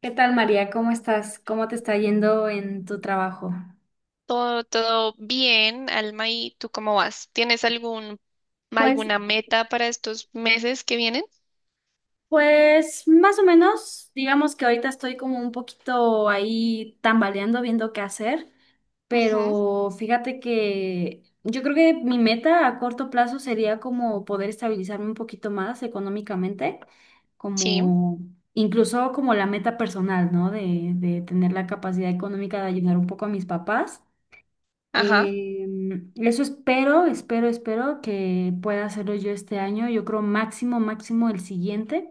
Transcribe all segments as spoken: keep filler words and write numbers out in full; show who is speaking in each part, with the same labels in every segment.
Speaker 1: ¿Qué tal, María? ¿Cómo estás? ¿Cómo te está yendo en tu trabajo?
Speaker 2: Todo, todo bien, Alma, ¿y tú cómo vas? ¿Tienes algún,
Speaker 1: Pues,
Speaker 2: alguna meta para estos meses que vienen?
Speaker 1: pues más o menos, digamos que ahorita estoy como un poquito ahí tambaleando, viendo qué hacer,
Speaker 2: Ujú.
Speaker 1: pero fíjate que yo creo que mi meta a corto plazo sería como poder estabilizarme un poquito más económicamente,
Speaker 2: Sí.
Speaker 1: como incluso como la meta personal, ¿no? De, de tener la capacidad económica de ayudar un poco a mis papás.
Speaker 2: Ajá.
Speaker 1: Eh, Eso espero, espero, espero que pueda hacerlo yo este año. Yo creo máximo, máximo el siguiente,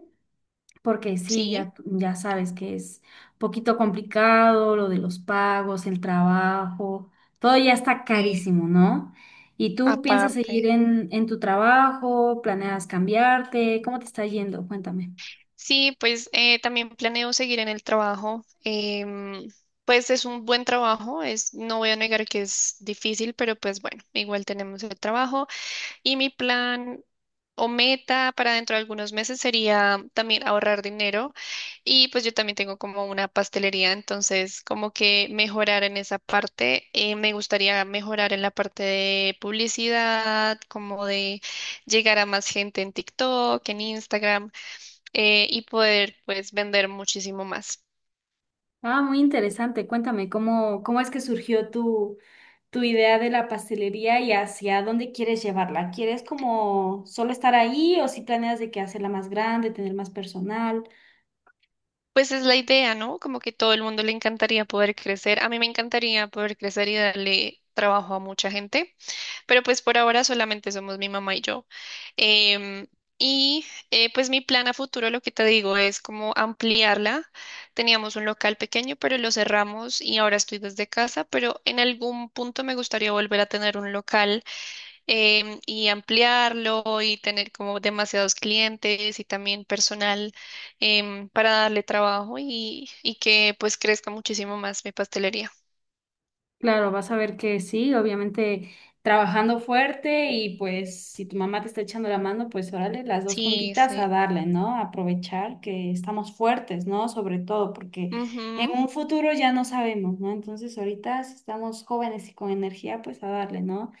Speaker 1: porque sí,
Speaker 2: Sí.
Speaker 1: ya, ya sabes que es poquito complicado lo de los pagos, el trabajo, todo ya está
Speaker 2: eh,
Speaker 1: carísimo, ¿no? ¿Y tú piensas seguir
Speaker 2: Aparte.
Speaker 1: en, en tu trabajo? ¿Planeas cambiarte? ¿Cómo te está yendo? Cuéntame.
Speaker 2: Sí, pues eh, también planeo seguir en el trabajo. em, pues es un buen trabajo, es, no voy a negar que es difícil, pero pues bueno, igual tenemos el trabajo. Y mi plan o meta para dentro de algunos meses sería también ahorrar dinero. Y pues yo también tengo como una pastelería, entonces como que mejorar en esa parte. Eh, me gustaría mejorar en la parte de publicidad, como de llegar a más gente en TikTok, en Instagram, eh, y poder pues vender muchísimo más.
Speaker 1: Ah, muy interesante. Cuéntame, ¿cómo, cómo es que surgió tu, tu idea de la pastelería y hacia dónde quieres llevarla? ¿Quieres como solo estar ahí o si planeas de que hacerla más grande, tener más personal?
Speaker 2: Pues es la idea, ¿no? Como que todo el mundo le encantaría poder crecer. A mí me encantaría poder crecer y darle trabajo a mucha gente. Pero pues por ahora solamente somos mi mamá y yo. Em, y eh, pues mi plan a futuro, lo que te digo, es como ampliarla. Teníamos un local pequeño, pero lo cerramos y ahora estoy desde casa, pero en algún punto me gustaría volver a tener un local em, y ampliarlo y tener como demasiados clientes y también personal em, para darle trabajo y, y que pues crezca muchísimo más mi pastelería.
Speaker 1: Claro, vas a ver que sí, obviamente trabajando fuerte y pues si tu mamá te está echando la mano, pues órale, las dos
Speaker 2: Sí,
Speaker 1: juntitas a
Speaker 2: sí.
Speaker 1: darle, ¿no? Aprovechar que estamos fuertes, ¿no? Sobre todo porque en
Speaker 2: Ujú.
Speaker 1: un futuro ya no sabemos, ¿no? Entonces ahorita si estamos jóvenes y con energía, pues a darle, ¿no?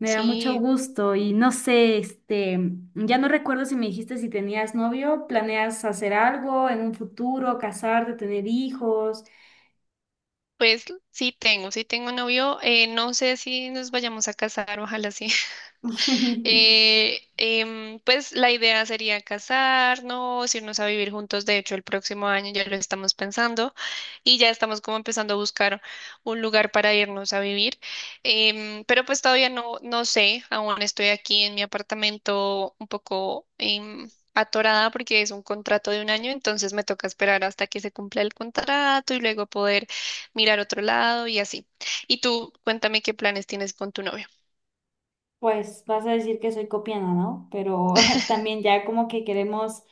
Speaker 1: Me da mucho
Speaker 2: Sí.
Speaker 1: gusto y no sé, este, ya no recuerdo si me dijiste si tenías novio, planeas hacer algo en un futuro, casarte, tener hijos.
Speaker 2: Pues sí tengo, sí tengo novio. Eh, no sé si nos vayamos a casar, ojalá sí. Eh, em, pues la idea sería casarnos, irnos a vivir juntos. De hecho, el próximo año ya lo estamos pensando y ya estamos como empezando a buscar un lugar para irnos a vivir. Em, pero pues todavía no, no sé, aún estoy aquí en mi apartamento un poco em, atorada porque es un contrato de un año, entonces me toca esperar hasta que se cumpla el contrato y luego poder mirar otro lado y así. Y tú, cuéntame qué planes tienes con tu novio.
Speaker 1: Pues vas a decir que soy copiana, ¿no? Pero también ya como que queremos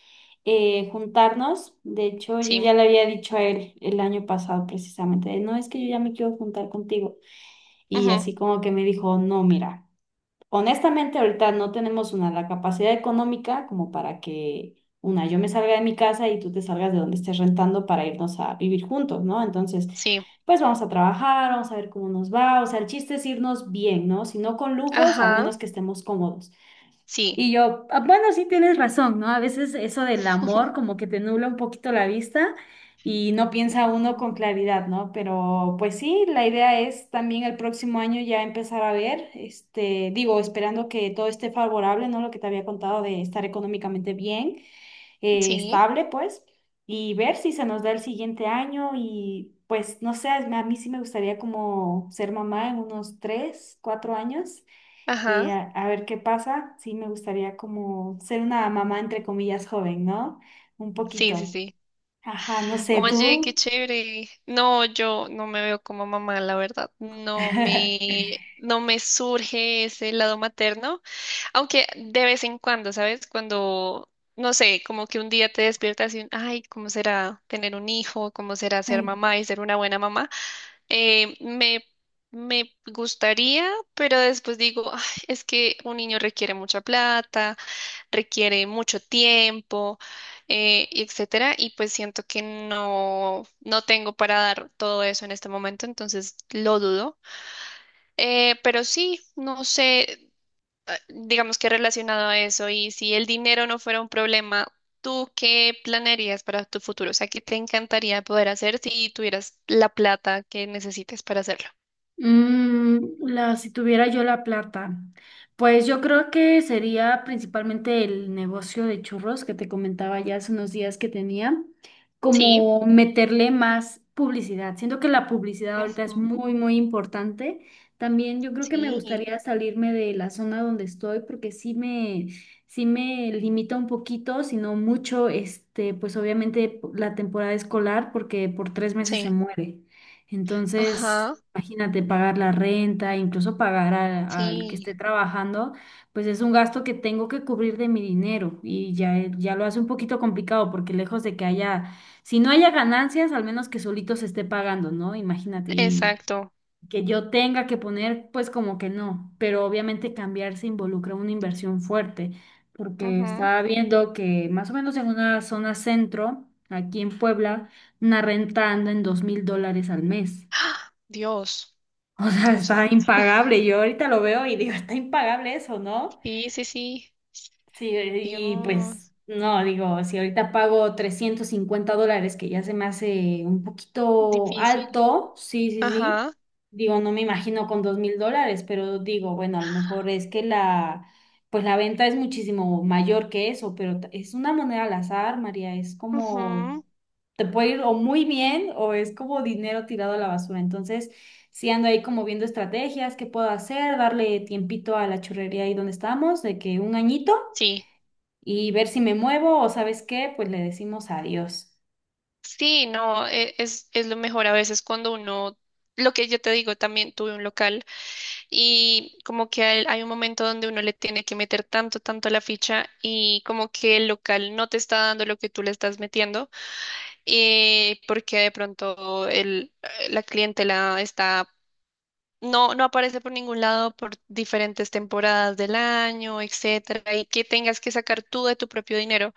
Speaker 1: eh, juntarnos. De hecho, yo ya
Speaker 2: Sí.
Speaker 1: le había dicho a él el año pasado precisamente, no es que yo ya me quiero juntar contigo. Y
Speaker 2: Ujú.
Speaker 1: así como que me dijo, no, mira. Honestamente, ahorita no tenemos una, la capacidad económica como para que, una, yo me salga de mi casa y tú te salgas de donde estés rentando para irnos a vivir juntos, ¿no? Entonces,
Speaker 2: Sí.
Speaker 1: pues vamos a trabajar, vamos a ver cómo nos va, o sea, el chiste es irnos bien, ¿no? Si no con lujos, al
Speaker 2: Ajá,
Speaker 1: menos que estemos cómodos.
Speaker 2: sí.
Speaker 1: Y yo, "Ah, bueno, sí tienes razón, ¿no? A veces eso del amor como que te nubla un poquito la vista y no piensa uno
Speaker 2: Ujú.
Speaker 1: con claridad, ¿no? Pero pues sí, la idea es también el próximo año ya empezar a ver, este, digo, esperando que todo esté favorable, ¿no? Lo que te había contado de estar económicamente bien, eh,
Speaker 2: Sí,
Speaker 1: estable, pues, y ver si se nos da el siguiente año y pues, no sé, a mí sí me gustaría como ser mamá en unos tres, cuatro años eh,
Speaker 2: ajá,
Speaker 1: a, a ver qué pasa. Sí, me gustaría como ser una mamá entre comillas joven, ¿no? Un
Speaker 2: sí, sí,
Speaker 1: poquito.
Speaker 2: sí.
Speaker 1: Ajá, no sé,
Speaker 2: Oye, qué
Speaker 1: tú.
Speaker 2: chévere. No, yo no me veo como mamá, la verdad. No me, no me surge ese lado materno, aunque de vez en cuando, ¿sabes? Cuando, no sé, como que un día te despiertas y, ay, ¿cómo será tener un hijo? ¿Cómo será ser
Speaker 1: Me
Speaker 2: mamá y ser una buena mamá? Eh, me, me gustaría, pero después digo, "Ay, es que un niño requiere mucha plata, requiere mucho tiempo, eh, y etcétera", y pues siento que no, no tengo para dar todo eso en este momento, entonces lo dudo. Eh, pero sí, no sé, eh, digamos que relacionado a eso, y si el dinero no fuera un problema, ¿tú qué planearías para tu futuro? O sea, ¿qué te encantaría poder hacer si tuvieras la plata que necesites para hacerlo?
Speaker 1: Mm, la, si tuviera yo la plata, pues yo creo que sería principalmente el negocio de churros que te comentaba ya hace unos días que tenía,
Speaker 2: Sí.
Speaker 1: como meterle más publicidad. Siento que la publicidad ahorita es
Speaker 2: Ujú.
Speaker 1: muy, muy importante. También yo creo que me
Speaker 2: Sí,
Speaker 1: gustaría salirme de la zona donde estoy porque sí me, sí me limita un poquito, sino mucho, este, pues obviamente la temporada escolar porque por tres meses se
Speaker 2: sí.
Speaker 1: muere. Entonces,
Speaker 2: Ajá,
Speaker 1: imagínate pagar la renta, incluso pagar a- al que esté
Speaker 2: sí,
Speaker 1: trabajando, pues es un gasto que tengo que cubrir de mi dinero y ya, eh, ya lo hace un poquito complicado porque lejos de que haya, si no haya ganancias, al menos que solito se esté pagando, ¿no? Imagínate, y
Speaker 2: exacto.
Speaker 1: que yo tenga que poner, pues como que no, pero obviamente cambiarse involucra una inversión fuerte porque estaba viendo que más o menos en una zona centro, aquí en Puebla, una renta anda en dos mil dólares al mes.
Speaker 2: ¡Ah, Dios!
Speaker 1: O sea,
Speaker 2: Dios
Speaker 1: está
Speaker 2: santo.
Speaker 1: impagable. Yo ahorita lo veo y digo, está impagable eso, ¿no?
Speaker 2: Sí, sí, sí.
Speaker 1: Sí, y pues
Speaker 2: Dios,
Speaker 1: no, digo, si ahorita pago trescientos cincuenta dólares, que ya se me hace un poquito
Speaker 2: difícil.
Speaker 1: alto, sí, sí, sí.
Speaker 2: Ajá.
Speaker 1: Digo, no me imagino con dos mil dólares, pero digo, bueno, a lo mejor es que la, pues la venta es muchísimo mayor que eso, pero t- es una moneda al azar, María, es como
Speaker 2: Ujú.
Speaker 1: te puede ir o muy bien o es como dinero tirado a la basura. Entonces, sí ando ahí como viendo estrategias, qué puedo hacer, darle tiempito a la churrería ahí donde estamos, de que un añito
Speaker 2: Sí,
Speaker 1: y ver si me muevo o sabes qué, pues le decimos adiós.
Speaker 2: sí, no, e- es, es lo mejor a veces cuando uno, lo que yo te digo, también tuve un local y como que hay, hay un momento donde uno le tiene que meter tanto, tanto la ficha y como que el local no te está dando lo que tú le estás metiendo, eh, porque de pronto el, la clientela está no, no aparece por ningún lado por diferentes temporadas del año, etcétera, y que tengas que sacar tú de tu propio dinero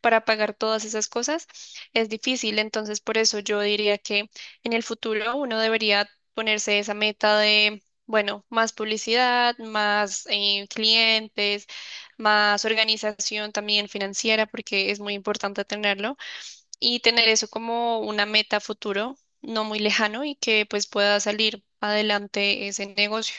Speaker 2: para pagar todas esas cosas, es difícil. Entonces, por eso yo diría que en el futuro uno debería ponerse esa meta de, bueno, más publicidad, más eh, clientes, más organización también financiera, porque es muy importante tenerlo y tener eso como una meta futuro, no muy lejano y que pues pueda salir adelante ese negocio.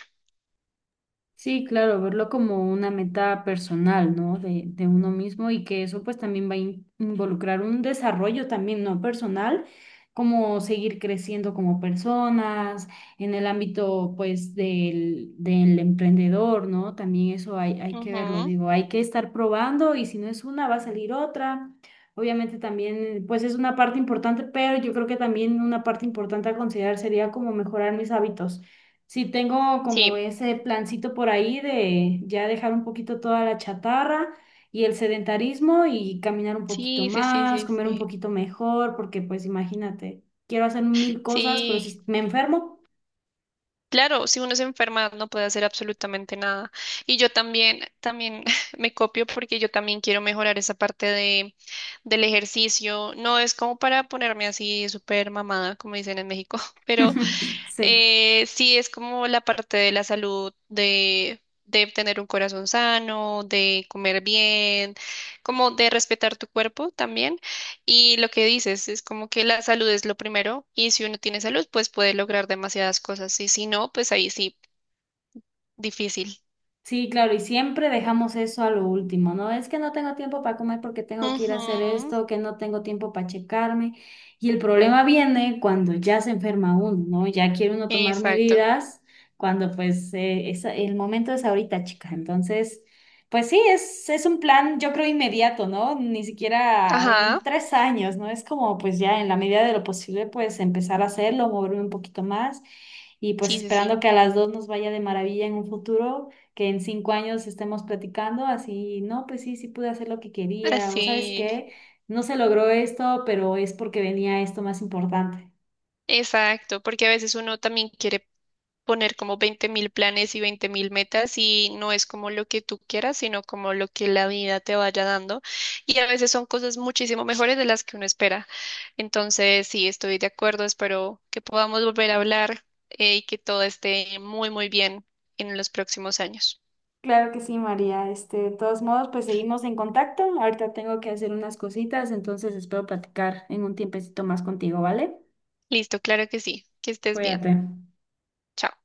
Speaker 1: Sí, claro, verlo como una meta personal, ¿no? De, de uno mismo y que eso pues también va a in- involucrar un desarrollo también, ¿no? Personal, como seguir creciendo como personas en el ámbito pues del, del emprendedor, ¿no? También eso hay, hay que verlo,
Speaker 2: Ujú.
Speaker 1: digo, hay que estar probando y si no es una va a salir otra. Obviamente también pues es una parte importante, pero yo creo que también una parte importante a considerar sería como mejorar mis hábitos. Sí, tengo como
Speaker 2: Sí,
Speaker 1: ese plancito por ahí de ya dejar un poquito toda la chatarra y el sedentarismo y caminar un poquito
Speaker 2: sí, sí, sí,
Speaker 1: más,
Speaker 2: sí,
Speaker 1: comer un
Speaker 2: sí.
Speaker 1: poquito mejor, porque pues imagínate, quiero hacer mil cosas, pero si
Speaker 2: Sí,
Speaker 1: me enfermo,
Speaker 2: claro, si uno se enferma no puede hacer absolutamente nada. Y yo también, también me copio porque yo también quiero mejorar esa parte de, del ejercicio. No es como para ponerme así súper mamada, como dicen en México, pero
Speaker 1: sí.
Speaker 2: Eh, sí, es como la parte de la salud, de, de tener un corazón sano, de comer bien, como de respetar tu cuerpo también. Y lo que dices es como que la salud es lo primero y si uno tiene salud, pues puede lograr demasiadas cosas y si no, pues ahí sí, difícil.
Speaker 1: Sí, claro, y siempre dejamos eso a lo último, ¿no? Es que no tengo tiempo para comer porque tengo que ir a hacer
Speaker 2: Ujú,
Speaker 1: esto, que no tengo tiempo para checarme. Y el problema viene cuando ya se enferma uno, ¿no? Ya quiere uno tomar
Speaker 2: Exacto.
Speaker 1: medidas cuando pues eh, es- el momento es ahorita, chica. Entonces, pues sí, es, es un plan, yo creo, inmediato, ¿no? Ni siquiera
Speaker 2: Ajá,
Speaker 1: en tres años, ¿no? Es como pues ya en la medida de lo posible pues empezar a hacerlo, moverme un poquito más y pues
Speaker 2: sí, sí, sí.
Speaker 1: esperando que a las dos nos vaya de maravilla en un futuro que en cinco años estemos platicando así, no, pues sí, sí pude hacer lo que quería, o sabes
Speaker 2: Así.
Speaker 1: qué, no se logró esto, pero es porque venía esto más importante.
Speaker 2: Exacto, porque a veces uno también quiere poner como veinte mil planes y veinte mil metas y no es como lo que tú quieras, sino como lo que la vida te vaya dando. Y a veces son cosas muchísimo mejores de las que uno espera. Entonces, sí, estoy de acuerdo, espero que podamos volver a hablar, eh, y que todo esté muy, muy bien en los próximos años.
Speaker 1: Claro que sí, María. Este, de todos modos, pues seguimos en contacto. Ahorita tengo que hacer unas cositas, entonces espero platicar en un tiempecito más contigo, ¿vale?
Speaker 2: Listo, claro que sí, que estés bien.
Speaker 1: Cuídate.
Speaker 2: Chao.